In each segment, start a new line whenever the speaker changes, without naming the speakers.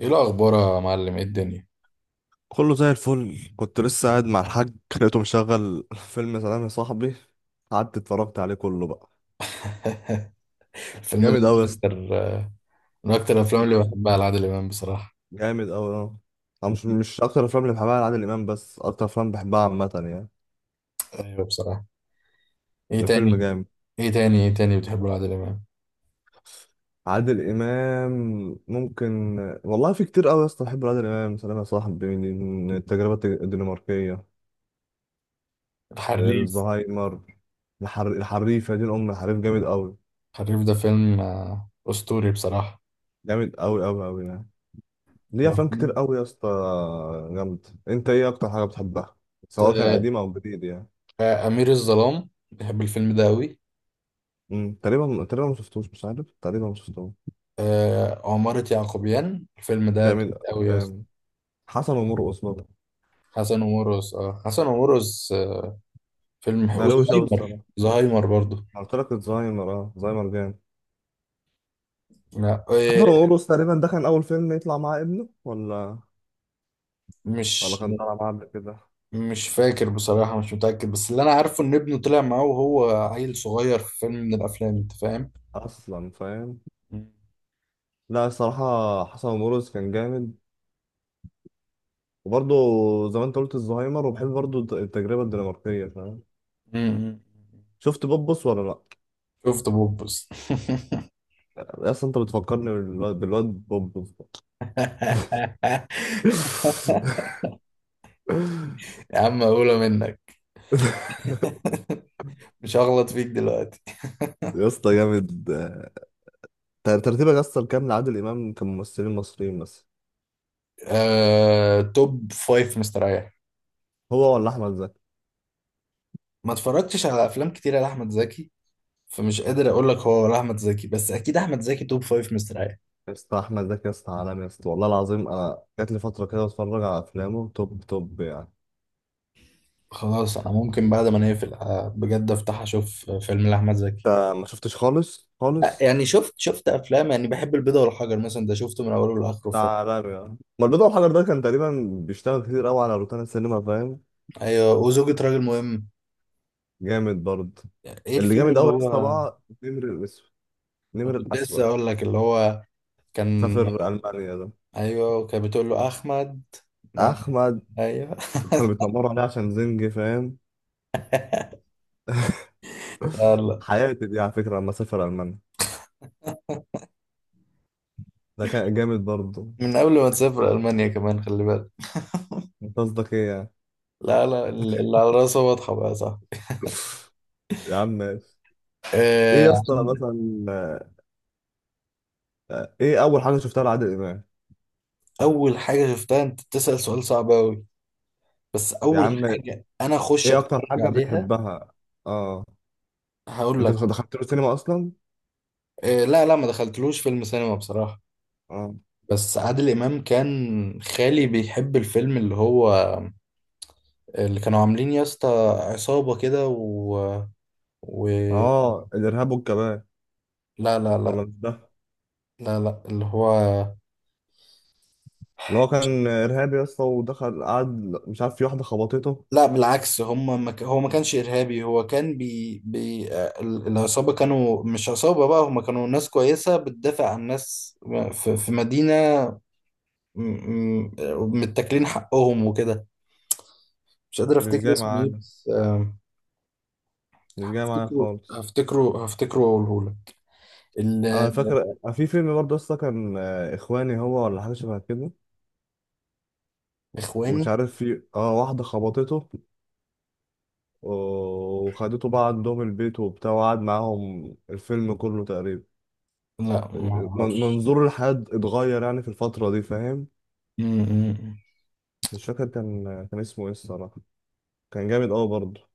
ايه الاخبار يا معلم؟ ايه الدنيا؟
كله زي الفل. كنت لسه قاعد مع الحاج، لقيته مشغل فيلم سلام يا صاحبي. قعدت اتفرجت عليه كله بقى.
الفيلم ده
جامد قوي يا اسطى.
من اكتر الافلام اللي
جامد،
بحبها لعادل امام بصراحه.
جامد قوي اه. أنا مش اكتر افلام اللي بحبها لعادل امام، بس اكتر افلام بحبها عامه يعني.
ايوه بصراحه. ايه
ده فيلم
تاني
جامد.
ايه تاني بتحبه لعادل امام؟
عادل امام ممكن، والله في كتير قوي يا اسطى. بحب عادل امام سلام يا صاحبي، من التجربه الدنماركيه.
الحريف.
الزهايمر. الحريفه دي، الام الحريف جامد قوي.
الحريف ده فيلم، اسطوري بصراحه.
جامد قوي قوي قوي يعني. ليه
لو
افلام كتير
كنت،
قوي يا اسطى. جامد. انت ايه اكتر حاجه بتحبها، سواء كان
آه،
قديم او جديد يعني؟
امير الظلام، بحب الفيلم ده قوي.
تقريبا، تقريبا ما شفتوش، مش عارف، تقريبا ما شفتوش.
عمارة يعقوبيان، الفيلم ده تقيل
جميل.
قوي يا اسطى.
جامد. حسن ومرقص برضه.
حسن ومرقص، حسن ومرقص، فيلم
لا، روش قوي
وزهايمر،
الصراحه.
زهايمر برضه.
أنا قلت لك الزهايمر، اه زهايمر جامد.
لا،
حسن
إيه،
ومرقص تقريبا ده كان اول فيلم يطلع مع ابنه، ولا ولا
مش
كان طالع معاه قبل كده؟
مش فاكر بصراحة، مش متأكد، بس اللي أنا عارفه إن ابنه طلع معاه وهو عيل صغير في فيلم من الأفلام. أنت فاهم؟
اصلا فاهم.
مم.
لا الصراحه حسن ومرقص كان جامد. وبرضه زي ما انت قلت الزهايمر، وبحب برضه التجربه الدنماركيه فاهم.
مم.
شفت بوبس ولا لا؟
شفت بوبس.
يا اسطى انت بتفكرني بالواد، بوب
يا عم أقولها منك. مش هغلط فيك دلوقتي.
يا اسطى جامد. ترتيبك يا اسطى الكام لعادل امام كممثلين مصريين مثلا؟
توب فايف مستريح.
هو ولا احمد زكي؟
ما اتفرجتش على أفلام كتيرة لأحمد زكي، فمش قادر أقول لك هو ولا أحمد زكي، بس أكيد أحمد زكي توب فايف مستريح.
يا اسطى احمد زكي يا اسطى عالمي يا اسطى، والله العظيم انا جات لي فتره كده اتفرج على افلامه توب توب يعني.
خلاص، أنا ممكن بعد ما نقفل، بجد، أفتح أشوف فيلم لأحمد
انت
زكي.
ما شفتش خالص خالص.
يعني شفت افلام، يعني بحب البيضة والحجر مثلا، ده شفته من اوله لاخره،
ده
فيلم.
عالمي يعني، ما البيضه والحجر ده كان تقريبا بيشتغل كتير قوي على روتانا السينما فاهم.
ايوه، وزوجة راجل مهم.
جامد برضه.
يعني ايه
اللي
الفيلم
جامد
اللي
قوي يا اسطى
هو...
بقى نمر الاسود. نمر
كنت لسه
الاسود.
اقول لك، اللي هو كان...
سافر المانيا ده.
ايوه كان، بتقول له احمد. لا،
احمد.
ايوه.
كانوا بيتنمروا عليه عشان زنجي فاهم.
لا لا.
حياتي دي على فكره لما سافر المانيا. ده كان جامد برضه.
من قبل ما تسافر المانيا كمان، خلي بالك.
انت قصدك ايه يعني؟
لا لا، اللي على راسه واضحة بقى، صح.
يا عم ماشي. ايه
آه،
يا اسطى مثلا، ايه اول حاجه شفتها لعادل امام؟
اول حاجة شفتها، انت بتسأل سؤال صعب قوي. بس
يا
اول
عم،
حاجة انا اخش
ايه
اتفرج
اكتر حاجه
عليها،
بتحبها؟ اه.
هقول
انت
لك.
دخلت له السينما اصلا؟
لا لا، ما دخلتلوش فيلم سينما بصراحة.
اه.
بس عادل امام كان خالي بيحب الفيلم اللي هو... اللي كانوا عاملين يا اسطى، عصابه كده و... و...
اه الارهاب والكباب؟
لا لا لا.
ولا مش ده؟
لا لا، اللي هو...
اللي هو كان ارهابي يا اسطى ودخل قعد، مش عارف، في واحده خبطته.
لا بالعكس، هم ما ك... هو ما كانش إرهابي، هو كان بي... بي... العصابة كانوا مش عصابة بقى، هم كانوا ناس كويسة بتدافع عن ناس في مدينة، م- م- متاكلين حقهم وكده. مش قادر
مش
أفتكر
جاي
اسمه إيه،
معانا،
بس
مش جاي معايا خالص.
هفتكره وأقوله
انا
لك.
فاكر في فيلم برضه اصلا كان اخواني، هو ولا حاجه شبه كده. ومش
الإخواني.
عارف في اه واحده خبطته، وخدته بقى عندهم البيت وبتاع، وقعد معاهم الفيلم كله تقريبا.
لا ما اعرفش.
منظور الحياه اتغير يعني في الفتره دي فاهم.
م- م- م.
مش فاكر كان كان اسمه ايه الصراحه. كان جامد قوي برضه.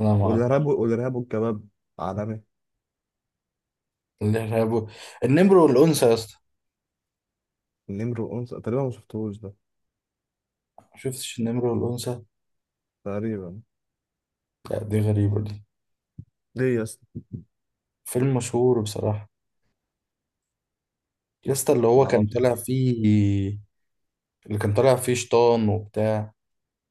لا ما اعرف.
والارهاب، والارهاب والكباب عالمي.
الارهاب. النمر والانثى يا اسطى.
النمر والانثى تقريبا ما شفتهوش ده.
ما شفتش النمر والانثى.
تقريبا.
لا دي غريبه دي.
ليه يا اسطى؟
فيلم مشهور بصراحه. يا اسطى اللي
ما
هو كان
اعرفش.
طالع فيه... اللي كان طالع فيه شيطان وبتاع.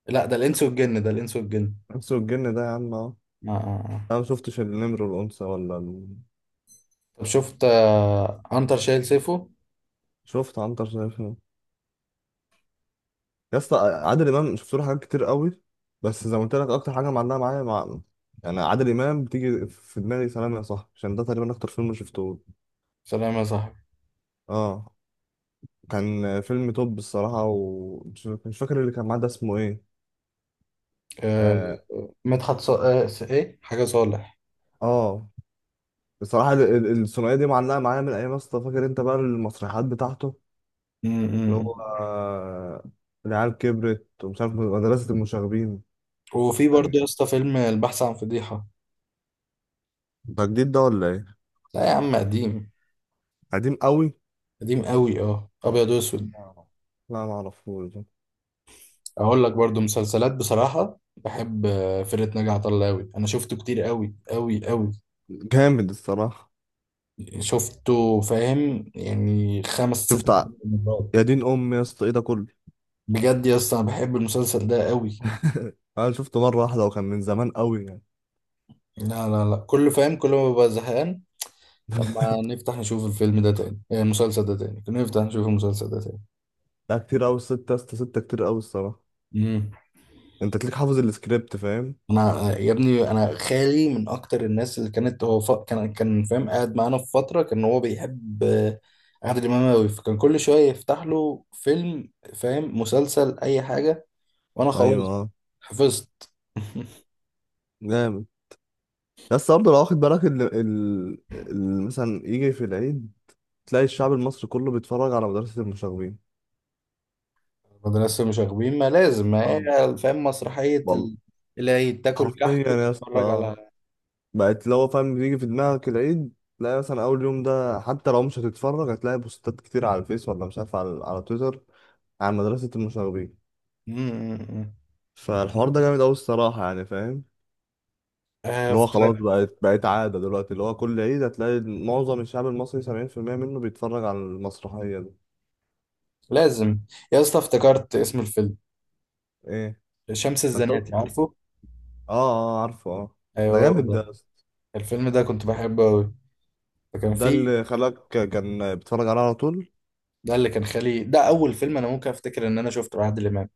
لا ده الانس والجن، ده الانس والجن.
الانس والجن ده يا عم اه.
آه. آه، آه.
انا ما شفتش النمر والانثى ولا.
طب شفت عنتر شايل سيفه.
شفت عنتر شايفها. يا اسطى عادل امام شفت له حاجات كتير قوي، بس زي ما قلت لك اكتر حاجه معلقه معايا مع، يعني عادل امام بتيجي في دماغي سلام يا صاحبي عشان ده تقريبا اكتر فيلم شفته.
سلام يا صاحبي.
اه. كان فيلم توب الصراحه، ومش مش فاكر اللي كان معاه ده اسمه ايه.
آه.
اه.
مدحت ص... آه. س- ايه حاجه صالح.
آه. بصراحه الثنائيه دي معلقه معايا من ايام يا اسطى. فاكر انت بقى المسرحيات بتاعته،
م- م-
اللي هو
م.
العيال كبرت ومش عارف مدرسه المشاغبين
وفي برضه
يعني.
يا اسطى فيلم البحث عن فضيحه.
ده جديد ده ولا ايه؟
لا يا عم، قديم.
قديم قوي.
قديم قوي، اه، ابيض واسود.
آه. لا ما اعرفوش.
اقول لك برضو مسلسلات بصراحه، بحب فرقه ناجي عطا الله قوي، انا شفته كتير قوي قوي قوي.
جامد الصراحه.
شفته، فاهم، يعني خمس
شفت
ست
ع-
مرات
يا دين امي يا اسطى ايه ده كله؟
بجد يا اسطى انا بحب المسلسل ده قوي.
انا شفته مره واحده وكان من زمان قوي يعني.
لا لا لا، كل فاهم، كل ما ببقى زهقان. طب ما نفتح نشوف الفيلم ده تاني، المسلسل ده تاني، نفتح نشوف المسلسل ده تاني.
لا، كتير قوي ستة يا اسطى، ستة كتير قوي الصراحة.
مم.
انت تليك حافظ السكريبت فاهم.
انا يا ابني، انا خالي من اكتر الناس اللي كانت... هو ف... كان فاهم، قاعد معانا في فتره، كان هو بيحب عادل امام قوي، فكان كل شويه يفتح له فيلم، فاهم، مسلسل، اي حاجه. وانا
ايوه
خلاص
اه.
حفظت.
جامد. بس برضه لو واخد بالك مثلا يجي في العيد تلاقي الشعب المصري كله بيتفرج على مدرسة المشاغبين
مدرسه مشاغبين ما لازم، ما
اه
هي فاهم مسرحيه
والله.
ال-... اللي هي تاكل
حرفيا
كحك
يا
وتتفرج
اسطى
على...
بقت لو فاهم بيجي في دماغك العيد، تلاقي مثلا اول يوم ده، حتى لو مش هتتفرج هتلاقي بوستات كتير على الفيس، ولا مش عارف على، على تويتر عن مدرسة المشاغبين.
م- م- م.
فالحوار ده جامد قوي الصراحة يعني فاهم. اللي هو خلاص
افتكرت.
بقت عادة دلوقتي، اللي هو كل عيد هتلاقي معظم الشعب المصري 70% منه بيتفرج على المسرحية دي.
لازم. يا اسطى افتكرت اسم الفيلم.
ايه؟
شمس
ما انت قلت.
الزناتي، عارفه.
اه، اه عارفه اه. ده
ايوه هو
جامد ده
ده.
يا اسطى.
الفيلم ده كنت بحبه قوي، فكان
ده
فيه...
اللي خلاك كان بيتفرج عليها على طول.
ده اللي كان خالي، ده اول فيلم انا ممكن افتكر ان انا شفته لعادل امام.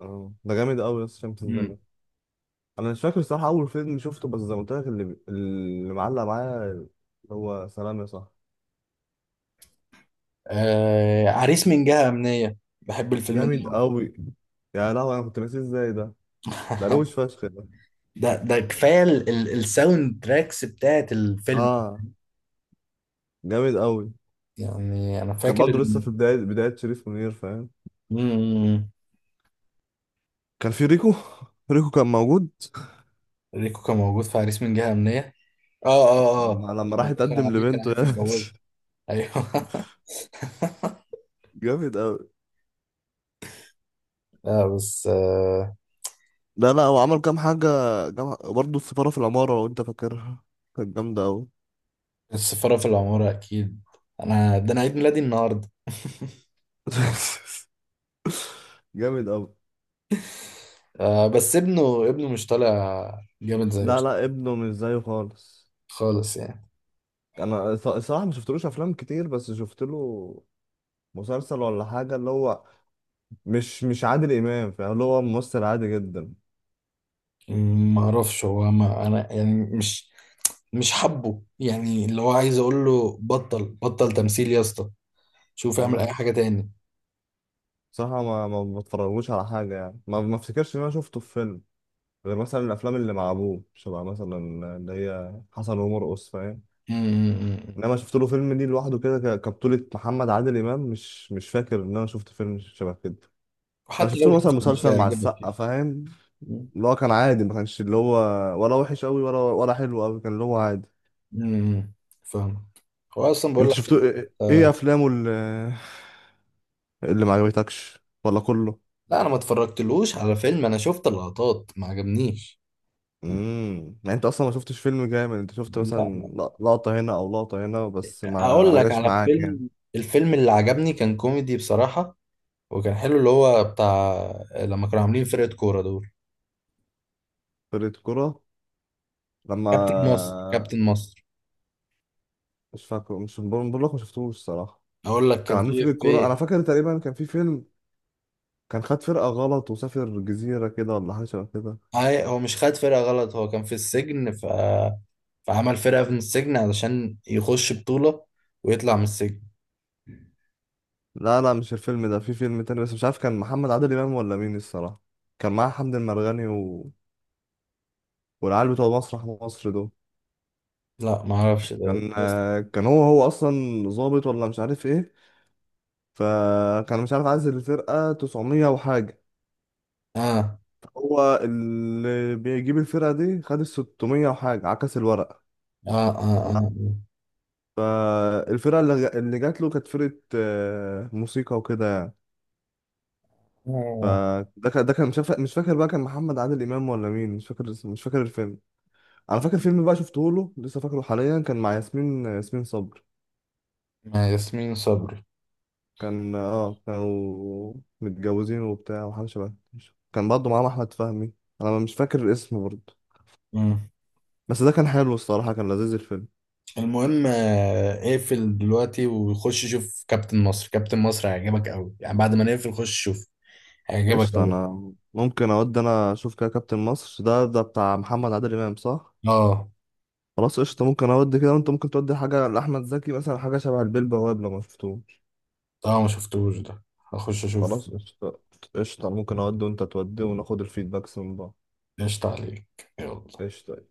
اه ده جامد قوي يا اسطى شمس
امم.
الزمان. انا مش فاكر الصراحه اول فيلم شفته، بس زي ما قلت لك اللي، اللي معلق معايا هو سلام يا صاحبي.
عريس من جهة أمنية، بحب الفيلم ده
جامد
أوي.
قوي. يا لهوي انا كنت ناسيه ازاي ده! ده روش فشخ ده.
ده كفاية ال... ال... الساوند تراكس بتاعت الفيلم.
اه جامد قوي.
يعني انا
كان
فاكر
برضه لسه
ان...
في بدايه، بدايه شريف منير فاهم.
مم.
كان في ريكو ريكو كان موجود.
ريكو كان موجود في عريس من جهة أمنية. اه اه
لما،
اه،
لما
لما
راح
دخل
يتقدم
عليه كان
لبنته
عايز
يعني
يتجوزه. ايوه.
جامد قوي.
لا بس
لا لا هو عمل كام حاجه. جام... برضه السفاره في العماره لو انت فاكرها، كانت جامده قوي.
السفارة في العمارة اكيد. انا عيد ميلادي النهارده.
جامد قوي.
آه بس ابنه مش طالع جامد زيه.
لا لا ابنه مش زيه خالص.
خالص يعني.
انا صراحه ما شفتلوش افلام كتير، بس شفت له مسلسل ولا حاجه اللي هو مش عادل امام فاهم، اللي هو ممثل عادي جدا.
ما اعرفش، هو ما انا يعني مش، حبه، يعني اللي هو عايز اقول له بطل، بطل تمثيل يا اسطى، شوف اعمل اي
امم
حاجه تاني.
صراحه ما بتفرجوش على حاجه يعني، ما افتكرش ان انا شفته في فيلم غير مثلا الافلام اللي مع ابوه شبه مثلا اللي هي حسن ومرقص فاهم.
امم.
انما شفت له فيلم ليه لوحده كده كبطوله محمد عادل امام، مش فاكر ان انا شفت فيلم شبه كده. انا
وحتى
شفت
لو
له مثلا
شفت مش
مسلسل مع
هيعجبك
السقا
يعني.
فاهم، اللي هو كان عادي، ما كانش اللي هو ولا وحش قوي ولا حلو قوي، كان اللي هو عادي.
امم. فاهم. هو اصلا بقول
انت
لك.
شفت ايه، ايه افلامه اللي، اللي ما عجبتكش ولا كله؟
لا انا ما اتفرجتلوش على فيلم، انا شفت اللقطات ما عجبنيش.
يعني انت اصلا ما شفتش فيلم جامد، انت شفت
لا،
مثلا لقطة هنا او لقطة هنا بس ما
اقول
ما
لك
جاش
على
معاك يعني.
فيلم، اللي عجبني كان كوميدي بصراحه، وكان حلو اللي هو بتاع، لما كانوا عاملين فرقه كوره دول.
فرقة كرة. لما،
كابتن مصر، كابتن مصر.
مش فاكره، مش بقول، بقول لك ما شفتوش الصراحة.
اقول لك
كان
كان
عاملين فرقة كرة، انا
في...
فاكر تقريبا كان في فيلم كان خد فرقة غلط وسافر جزيرة كده ولا حاجة شبه كده.
هاي- هو مش خد فرقه غلط، هو كان في السجن ف... فعمل فرقه من السجن علشان يخش بطوله ويطلع من السجن.
لا لا مش الفيلم ده، في فيلم تاني بس مش عارف كان محمد عادل امام ولا مين الصراحة. كان معاه حمد المرغني و، والعيال بتوع مسرح مصر دول.
لا ما اعرفش ده إيه.
كان
بس
كان هو اصلا ظابط ولا مش عارف ايه، فكان مش عارف عايز الفرقه 900 وحاجه.
اه
هو اللي بيجيب الفرقه دي، خد ال 600 وحاجه عكس الورق.
اه اه اه،
فالفرقه اللي جات له كانت فرقه موسيقى وكده يعني.
آه. آه.
فده كان، ده كان مش فاكر، بقى كان محمد عادل امام ولا مين، مش فاكر اسمه، مش فاكر الفيلم. انا فاكر فيلم بقى شفته له لسه فاكره حاليا، كان مع ياسمين، ياسمين صبري.
ياسمين صبري.
كان اه كانوا متجوزين وبتاع وحاجة شبه كده. كان برضه معاهم أحمد فهمي. أنا مش فاكر الاسم برضه،
مم.
بس ده كان حلو الصراحة، كان لذيذ الفيلم.
المهم اقفل دلوقتي وخش شوف كابتن مصر، كابتن مصر هيعجبك قوي يعني، بعد ما نقفل خش شوف، هيعجبك
قشطة،
قوي.
أنا ممكن أودي أنا أشوف كده كابتن مصر، ده ده بتاع محمد عادل إمام صح؟
اه
خلاص قشطة، ممكن أودي كده وأنت ممكن تودي حاجة لأحمد زكي مثلا، حاجة شبه البيه بواب لو مشفتوش.
اه، ما شفتوش ده، هخش اشوف.
خلاص قشطة. قشطة، ممكن أودي وأنت تودي وناخد الفيدباكس من بعض.
ايش تعليق. يلا.
قشطة.